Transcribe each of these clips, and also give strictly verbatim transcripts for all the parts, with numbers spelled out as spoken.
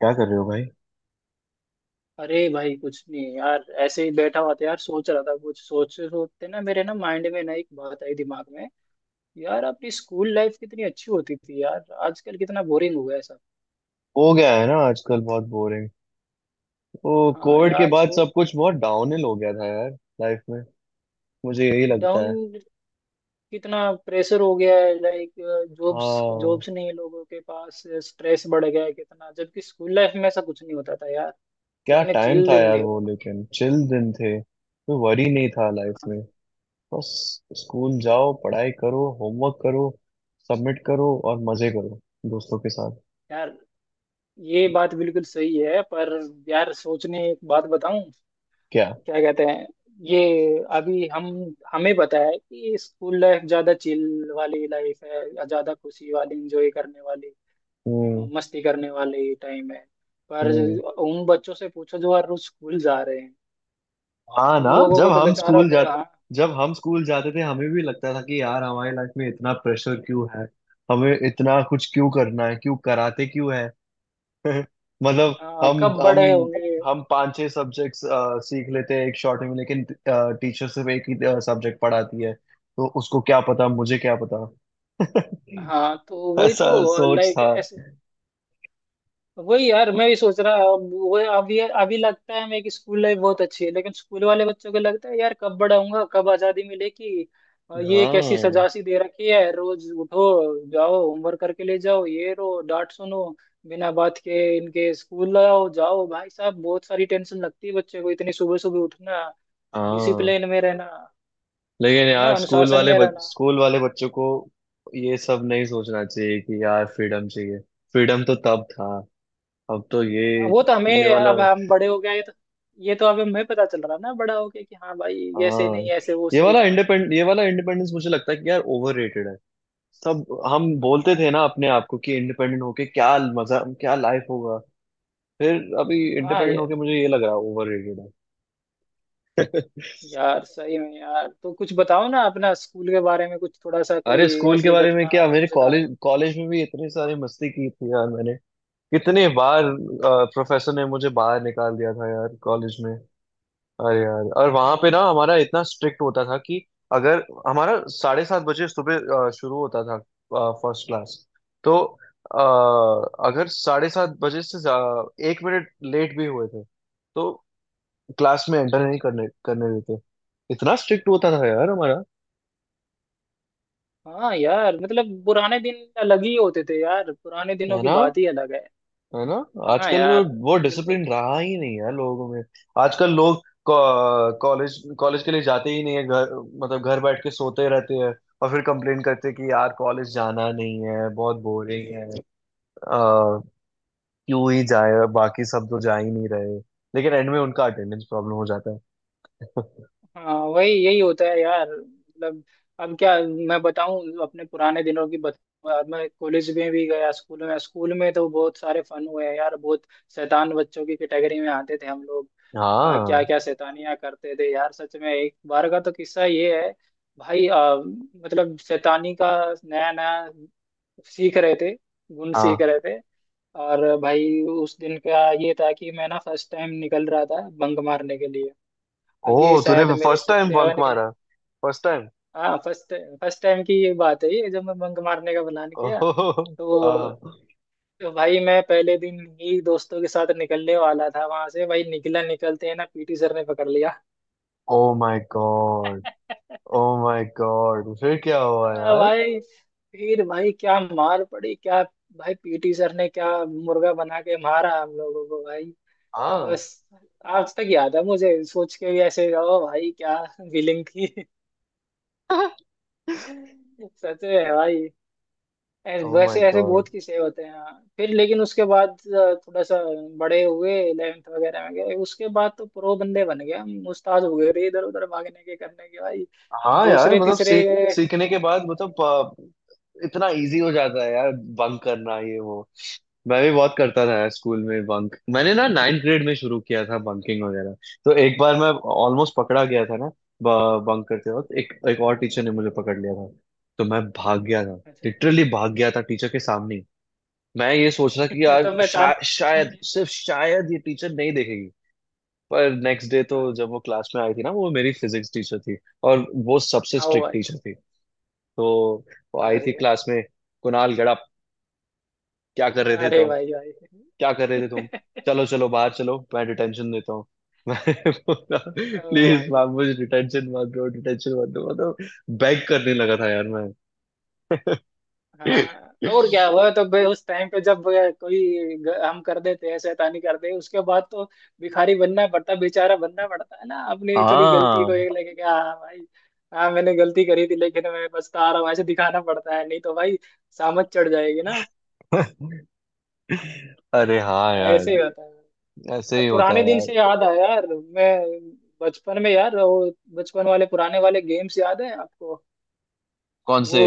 क्या कर रहे हो भाई? अरे भाई कुछ नहीं यार, ऐसे ही बैठा हुआ था यार। सोच रहा था कुछ सोचते सोचते ना मेरे ना माइंड में ना एक बात आई दिमाग में। यार अपनी स्कूल लाइफ कितनी अच्छी होती थी यार, आजकल कितना बोरिंग हो गया है सब। हो गया है ना, आजकल बहुत बोरिंग। वो हाँ कोविड के यार, बाद सो सब कुछ बहुत डाउनहिल हो गया था यार। लाइफ में मुझे यही लगता डाउन है। कितना प्रेशर हो गया है, लाइक जॉब्स हाँ। जॉब्स नहीं है लोगों के पास। स्ट्रेस बढ़ गया है कितना, जबकि स्कूल लाइफ में ऐसा कुछ नहीं होता था यार। क्या कितने टाइम चिल था दिन यार थे वो, वो। लेकिन चिल दिन थे, कोई वरी नहीं था लाइफ हाँ, में। बस स्कूल हाँ, जाओ, पढ़ाई करो, होमवर्क करो, सबमिट करो और मजे करो दोस्तों के साथ। यार ये बात बिल्कुल सही है, पर यार सोचने एक बात बताऊं, क्या? क्या कहते हैं ये। अभी हम हमें पता है कि स्कूल लाइफ ज्यादा चिल वाली लाइफ है या ज्यादा खुशी वाली, इंजॉय करने वाली, हम्म। मस्ती करने वाली टाइम है। पर हम्म। उन बच्चों से पूछो जो हर रोज स्कूल जा रहे हैं। हाँ ना। उन लोगों जब को तो हम बेचारों स्कूल जा को, हाँ। जब हम स्कूल जाते थे हमें भी लगता था कि यार हमारी लाइफ में इतना प्रेशर क्यों है। हमें इतना कुछ क्यों करना है, क्यों कराते क्यों है। मतलब हाँ, हम कब हम बड़े होंगे। हम पांच छह सब्जेक्ट्स सीख लेते हैं एक शॉर्ट में, लेकिन टीचर सिर्फ एक ही सब्जेक्ट पढ़ाती है, तो उसको क्या पता, मुझे क्या पता। हाँ तो वही ऐसा तो, सोच लाइक था। वही यार, मैं भी सोच रहा। अब वो अभी अभी लगता है मेरी कि स्कूल लाइफ बहुत अच्छी है, लेकिन स्कूल वाले बच्चों को लगता है यार कब बड़ा होऊंगा, कब आजादी मिलेगी। और ये कैसी हाँ। सजा सी दे रखी है, रोज उठो, जाओ, होमवर्क करके ले जाओ, ये रो, डांट सुनो बिना बात के इनके, स्कूल लाओ जाओ भाई साहब, बहुत सारी टेंशन लगती है बच्चे को, इतनी सुबह सुबह उठना, हाँ। डिसिप्लिन में रहना, लेकिन है ना, यार स्कूल अनुशासन वाले में बच, रहना। स्कूल वाले बच्चों को ये सब नहीं सोचना चाहिए कि यार फ्रीडम चाहिए। फ्रीडम तो तब था। अब तो ये हाँ, वो तो ये हमें वाला। अब हम बड़े हो गए तो ये तो अब हमें पता चल रहा ना, बड़ा हो गया कि हाँ भाई, ऐसे हाँ, नहीं ऐसे वो ये सही वाला था। इंडिपेंड ये वाला इंडिपेंडेंस मुझे लगता है कि यार ओवररेटेड है सब। हम बोलते हाँ। थे ना अपने आप को कि इंडिपेंडेंट होके क्या मजा, क्या लाइफ होगा। फिर अभी हाँ इंडिपेंडेंट ये होके मुझे ये लग रहा है ओवररेटेड है। यार, सही में यार। तो कुछ बताओ ना अपना स्कूल के बारे में, कुछ थोड़ा सा कोई अरे, स्कूल के ऐसी बारे में घटना क्या, जो मेरे मजेदार हो। कॉलेज कॉलेज में भी इतनी सारी मस्ती की थी यार मैंने। कितने बार प्रोफेसर ने मुझे बाहर निकाल दिया था यार कॉलेज में। अरे यार, और वहां हम्म। पे ना, हमारा इतना स्ट्रिक्ट होता था कि अगर हमारा साढ़े सात बजे सुबह अ, शुरू होता था फर्स्ट क्लास, तो अ, अगर साढ़े सात बजे से ज्या- एक मिनट लेट भी हुए थे तो क्लास में एंटर नहीं करने करने देते। इतना स्ट्रिक्ट होता था यार हमारा। हाँ यार मतलब पुराने दिन अलग ही होते थे यार, पुराने दिनों है की ना? बात ही अलग है। है ना? हाँ आजकल यार। वो वो बिल्कुल। डिसिप्लिन रहा ही नहीं है लोगों में। आजकल लोग कॉलेज कॉलेज के लिए जाते ही नहीं है घर, मतलब घर बैठ के सोते रहते हैं, और फिर कंप्लेन करते हैं कि यार कॉलेज जाना नहीं है, बहुत बोरिंग है। आ, क्यों ही जाए, बाकी सब तो जा ही नहीं रहे। लेकिन एंड में उनका अटेंडेंस प्रॉब्लम हो जाता है। हाँ वही, यही होता है यार मतलब। अब क्या मैं बताऊं अपने पुराने दिनों की बत, मैं कॉलेज में भी गया। स्कूल में स्कूल में तो बहुत सारे फन हुए हैं यार, बहुत। शैतान बच्चों की कैटेगरी में आते थे हम लोग। आ, क्या हाँ। क्या शैतानियां करते थे यार सच में। एक बार का तो किस्सा ये है, भाई आ, मतलब शैतानी का नया नया सीख रहे थे, गुण सीख हाँ। रहे थे। और भाई उस दिन का ये था कि मैं ना फर्स्ट टाइम निकल रहा था बंक मारने के लिए। ओ, ये तूने शायद मेरे first six time bunk seven निकला है। मारा? First time? हाँ, फर्स्ट फर्स्ट टाइम की ये बात है, ये जब मैं बंक मारने का प्लान किया। ओह। तो, हाँ। तो भाई मैं पहले दिन ही दोस्तों के साथ निकलने वाला था वहां से, भाई निकला, निकलते है ना, पीटी सर ने पकड़ ओ माय गॉड। लिया। ओ माय गॉड, फिर क्या हुआ अ, यार? भाई, फिर भाई क्या मार पड़ी क्या। भाई पीटी सर ने क्या मुर्गा बना के मारा हम लोगों को भाई। हाँ। बस, आज तक याद है मुझे, सोच के भी ऐसे ओ भाई क्या फीलिंग थी। सच में भाई। ऐसे ओ माय वैसे ऐसे गॉड। बहुत किस्से होते हैं। फिर लेकिन उसके बाद अ, थोड़ा सा बड़े हुए, इलेवेंथ वगैरह में गए, उसके बाद तो प्रो बंदे बन गए हम, उस्ताद हो गए रे, इधर उधर भागने के, करने के भाई, हाँ यार, दूसरे मतलब तीसरे। सीख सीखने के बाद मतलब अ, इतना इजी हो जाता है यार, बंक करना, ये वो। मैं भी बहुत करता था यार स्कूल में बंक। मैंने ना नाइन्थ ग्रेड में शुरू किया था बंकिंग वगैरह। तो एक बार मैं ऑलमोस्ट पकड़ा गया था ना, बंक करते वक्त। एक एक और टीचर ने मुझे पकड़ लिया था, तो मैं भाग गया था। अच्छा। लिटरली भाग गया था टीचर के सामने ही। मैं ये सोच रहा कि यार, तो शा, पहचान में शायद, नहीं सिर्फ शायद, ये टीचर नहीं देखेगी। पर नेक्स्ट डे तो है। जब वो क्लास में आई थी ना, वो मेरी फिजिक्स टीचर थी, और वो सबसे आओ स्ट्रिक्ट भाई। टीचर थी। तो वो आई थी अरे, क्लास में। "कुणाल गड़ा, क्या कर रहे थे अरे तुम? भाई भाई। क्या कर रहे थे तुम? चलो चलो बाहर, चलो मैं डिटेंशन देता हूँ।" मैं बोला, ओ "प्लीज भाई, मैम, मुझे डिटेंशन मत दो, डिटेंशन मत दो।" मतलब बेग करने लगा था यार मैं। हाँ और क्या हुआ। तो बे उस टाइम पे जब अ, कोई ग- हम कर देते हैं शैतानी करते हैं उसके बाद तो भिखारी बनना पड़ता, बेचारा बनना पड़ता है ना, अपनी थोड़ी गलती को हाँ। ये लगे कि हाँ भाई, हाँ मैंने गलती करी थी लेकिन मैं पछता रहा हूँ, ऐसे दिखाना पड़ता है, नहीं तो भाई सामत चढ़ जाएगी ना। अरे हाँ यार, ऐसे ही होता है। ऐसे अब ही होता पुराने है दिन यार। से याद आया यार। मैं बचपन में यार, वो बचपन वाले पुराने वाले गेम्स याद है आपको। कौन वो से?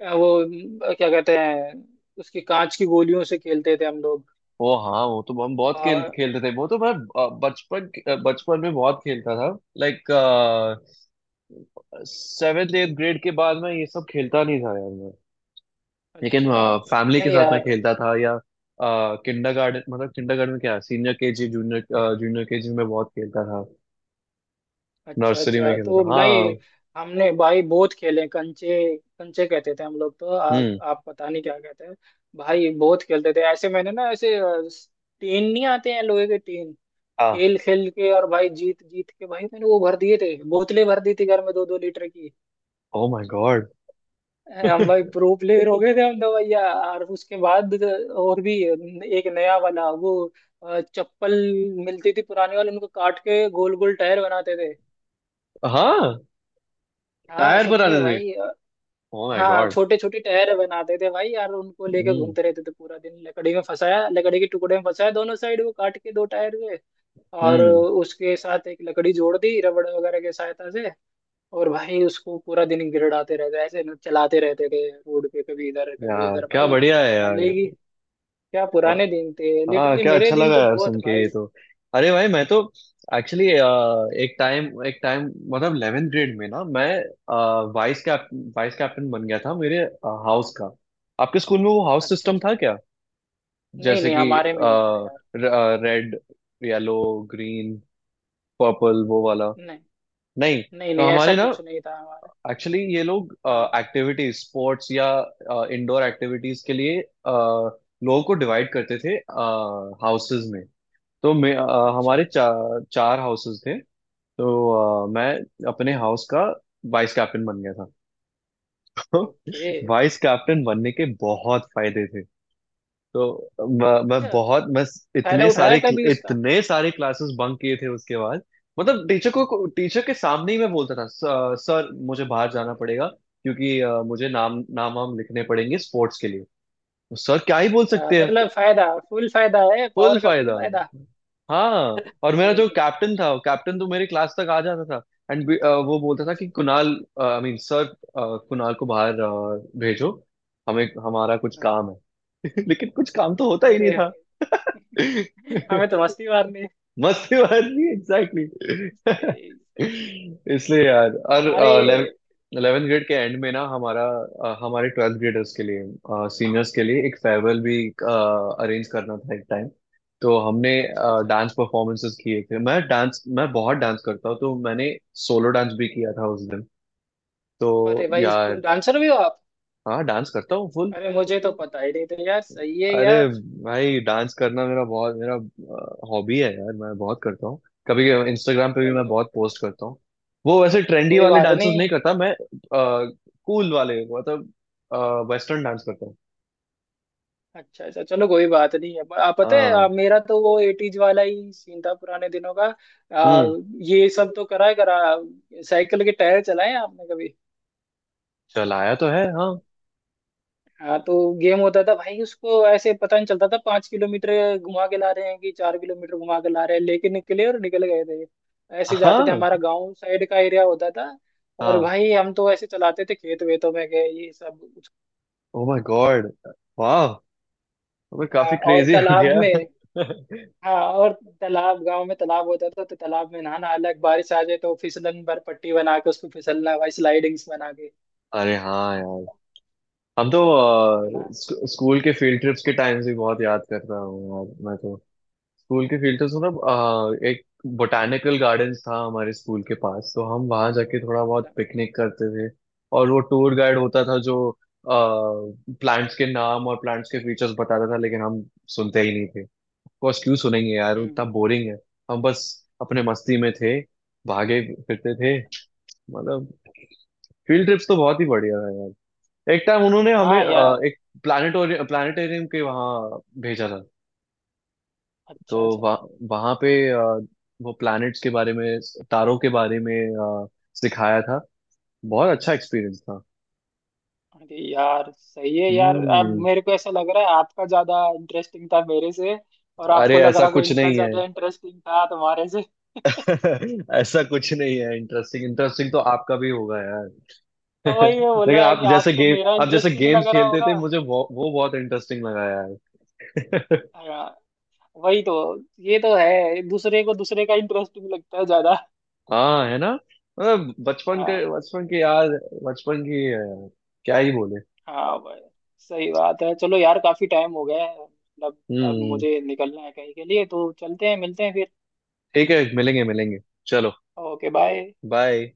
अ, वो अ, क्या कहते हैं, उसकी कांच की गोलियों से खेलते थे हम लोग। वो हाँ, वो तो हम बहुत खेल बा- खेलते थे। वो तो मैं अ, बचपन के- अ, बचपन में बहुत खेलता था। लाइक, सेवेंथ एट ग्रेड के बाद मैं ये सब खेलता नहीं था यार मैं। लेकिन अच्छा। फैमिली के नहीं साथ मैं यार। खेलता था, या किंडरगार्टन, मतलब किंडरगार्टन में, क्या, senior KG, junior junior KG में बहुत खेलता था। अच्छा नर्सरी में अच्छा, खेलता तो था, नहीं। हाँ। हमने भाई बहुत खेले, कंचे कंचे कहते थे हम लोग, तो आप हम्म। आप पता नहीं क्या कहते हैं। भाई बहुत खेलते थे ऐसे। मैंने ना ऐसे अ, टीन नहीं आते हैं लोहे के टीन, हाँ। खेल खेल के और भाई जीत जीत के, भाई मैंने वो भर दिए थे, बोतलें भर दी थी घर में दो दो लीटर की। Oh my god. हम भाई प्रो प्लेयर हो गए थे हम तो भैया। और उसके बाद और भी एक नया वाला, वो अ, चप्पल मिलती थी पुराने वाले, उनको काट के गोल गोल टायर बनाते थे। हाँ, हाँ टायर सच बनाते में थे। भाई। अ, ओ माय हाँ गॉड। छोटे छोटे टायर बनाते थे भाई यार, उनको लेके हम्म। घूमते रहते थे पूरा दिन। लकड़ी में फंसाया, लकड़ी के टुकड़े में फंसाया दोनों साइड, वो काट के दो टायर हुए और हम्म। उसके साथ एक लकड़ी जोड़ दी रबड़ वगैरह की सहायता से। और भाई उसको पूरा दिन गिरडाते रहते, ऐसे चलाते रहते थे रोड पे, कभी इधर कभी यार उधर क्या भाई बढ़िया है यार। वाले। क्या पुराने दिन थे, हाँ, लिटरली क्या मेरे अच्छा दिन लगा तो यार बहुत सुन के भाई। ये तो। अरे भाई मैं तो एक्चुअली, एक टाइम, एक टाइम, मतलब इलेवेंथ ग्रेड में ना मैं वाइस कैप वाइस कैप्टन बन गया था मेरे हाउस का। आपके स्कूल में वो हाउस अच्छा सिस्टम था अच्छा। क्या? नहीं जैसे नहीं कि हमारे में नहीं था यार। रेड, येलो, ग्रीन, पर्पल, वो वाला? नहीं। नहीं। नहीं तो नहीं ऐसा हमारे ना कुछ नहीं था हमारा। एक्चुअली, ये लोग हाँ। एक्टिविटीज, स्पोर्ट्स या इंडोर एक्टिविटीज के लिए अ, लोगों को डिवाइड करते थे हाउसेज में। तो मैं अ, हमारे अच्छा। चा, चार हाउसेस थे। तो अ, मैं अपने हाउस का वाइस कैप्टन बन गया था। तो ओके। वाइस कैप्टन बनने के बहुत फायदे थे। तो मैं, मैं अच्छा, बहुत, मैं फायदा इतने उठाया सारे क्ल- कभी उसका। इतने सारे क्लासेस बंक किए थे उसके बाद। मतलब टीचर को टीचर के सामने ही मैं बोलता था, "स- सर, मुझे बाहर जाना पड़ेगा क्योंकि अ, मुझे नाम नाम वाम लिखने पड़ेंगे स्पोर्ट्स के लिए।" तो सर क्या ही बोल अच्छा सकते हैं। मतलब फायदा, फुल फायदा है, फुल पावर का फुल फायदा। फायदा। हाँ। और मेरा जो ठीक, कैप्टन था, कैप्टन तो मेरे क्लास तक आ जाता था, एंड वो बोलता था अच्छा। कि, "Kunal, I mean sir, Kunal को बाहर अ, भेजो, हमें हमारा कुछ हाँ। काम है।" लेकिन कुछ काम तो होता ही नहीं अरे था। हमें तो मस्ती मारनी है। मस्ती बात नहीं, एग्जैक्टली। सही सही। इसलिए यार। हमारे। और इलेवेंथ ग्रेड के एंड में ना हमारा, अ, हमारे ट्वेल्थ ग्रेडर्स के लिए, सीनियर्स के लिए एक फेयरवेल भी अरेंज करना था एक टाइम। तो हमने अच्छा अच्छा, डांस परफॉर्मेंसेस किए थे। मैं डांस मैं बहुत डांस करता हूँ, तो मैंने सोलो डांस भी किया था उस दिन। तो अरे भाई तुम यार, डांसर भी हो आप। हाँ डांस करता हूँ। अरे मुझे तो पता ही नहीं था यार, सही है अरे यार। भाई, डांस करना मेरा बहुत, मेरा हॉबी है यार, मैं बहुत करता हूँ। कभी इंस्टाग्राम पे भी मैं चलो। बहुत पोस्ट करता हूँ। वो वैसे ट्रेंडी कोई वाले बात डांसेस नहीं। नहीं करता मैं, कूल वाले, मतलब वेस्टर्न डांस करता हूँ। अच्छा अच्छा, चलो कोई बात नहीं है। आप पता है हाँ। आ, मेरा तो वो एटीज वाला ही सीन था पुराने दिनों का। आ, हम्म। ये सब तो करा है, करा। साइकिल के टायर चलाए हैं आपने कभी। चलाया तो है, हाँ। हाँ, तो गेम होता था भाई उसको ऐसे, पता नहीं चलता था पाँच किलोमीटर घुमा के ला रहे हैं कि चार किलोमीटर घुमा के ला रहे हैं, लेके निकले और निकल गए थे। ऐसे जाते थे, हाँ। हमारा गांव साइड का एरिया होता था, और हाँ। भाई हम तो ऐसे चलाते थे खेत वेतों में गए ये सब कुछ, ओ माय गॉड, वाह, मैं आ, काफी और क्रेजी हो तालाब गया। में। हाँ और तालाब, गांव में तालाब होता था तो तालाब में नहाना अलग, बारिश आ जाए तो फिसलन पर पट्टी बना के उसको फिसलना भाई, स्लाइडिंग्स बना के। अरे हाँ यार। हम तो है ना। अ, स्क- स्कूल के फील्ड ट्रिप्स के टाइम्स भी बहुत याद करता हूँ यार मैं तो। स्कूल के फील्ड, तो मतलब आ, एक बोटैनिकल गार्डन्स था हमारे स्कूल के पास, तो हम वहां जाके थोड़ा अच्छा। बहुत पिकनिक करते थे। और वो टूर गाइड होता था जो प्लांट्स के नाम और प्लांट्स के फीचर्स बताता था, लेकिन हम सुनते ही नहीं थे। कोर्स क्यों सुनेंगे यार, वो हम्म। इतना बोरिंग है। हम बस अपने मस्ती में थे, भागे फिरते थे, मतलब फील्ड ट्रिप्स तो बहुत ही बढ़िया है यार। एक टाइम उन्होंने हमें हाँ अ, यार। एक प्लानिटोरियम प्लानिटेरियम के वहाँ भेजा था। अच्छा तो अच्छा। वह, वहाँ पे अ, वो प्लैनेट्स के बारे में, तारों के बारे में अ, सिखाया था। बहुत अच्छा एक्सपीरियंस था। अरे यार सही है यार, अब हम्म। मेरे को ऐसा लग रहा है आपका ज्यादा इंटरेस्टिंग था मेरे से, और अरे आपको लग ऐसा रहा को कुछ इनका नहीं है। ज्यादा इंटरेस्टिंग था तुम्हारे से। ऐसा कुछ नहीं है, इंटरेस्टिंग इंटरेस्टिंग तो आपका भी होगा यार। तो वही मैं बोल लेकिन रहा है कि आप जैसे आपको मेरा गेम आप जैसे इंटरेस्टिंग गेम्स लग रहा खेलते होगा। थे मुझे, वो, वो बहुत इंटरेस्टिंग लगा यार। हाँ वही तो। ये तो है, दूसरे को दूसरे का इंटरेस्टिंग लगता है ज्यादा। हाँ, है ना। मतलब बचपन के, हाँ। बचपन की याद, बचपन की अ, क्या ही बोले। हाँ भाई, सही बात है। चलो यार काफी टाइम हो गया है मतलब, अब हम्म। मुझे निकलना है कहीं के लिए, तो चलते हैं, मिलते हैं फिर। ठीक है, मिलेंगे मिलेंगे। चलो। Okay bye. बाय।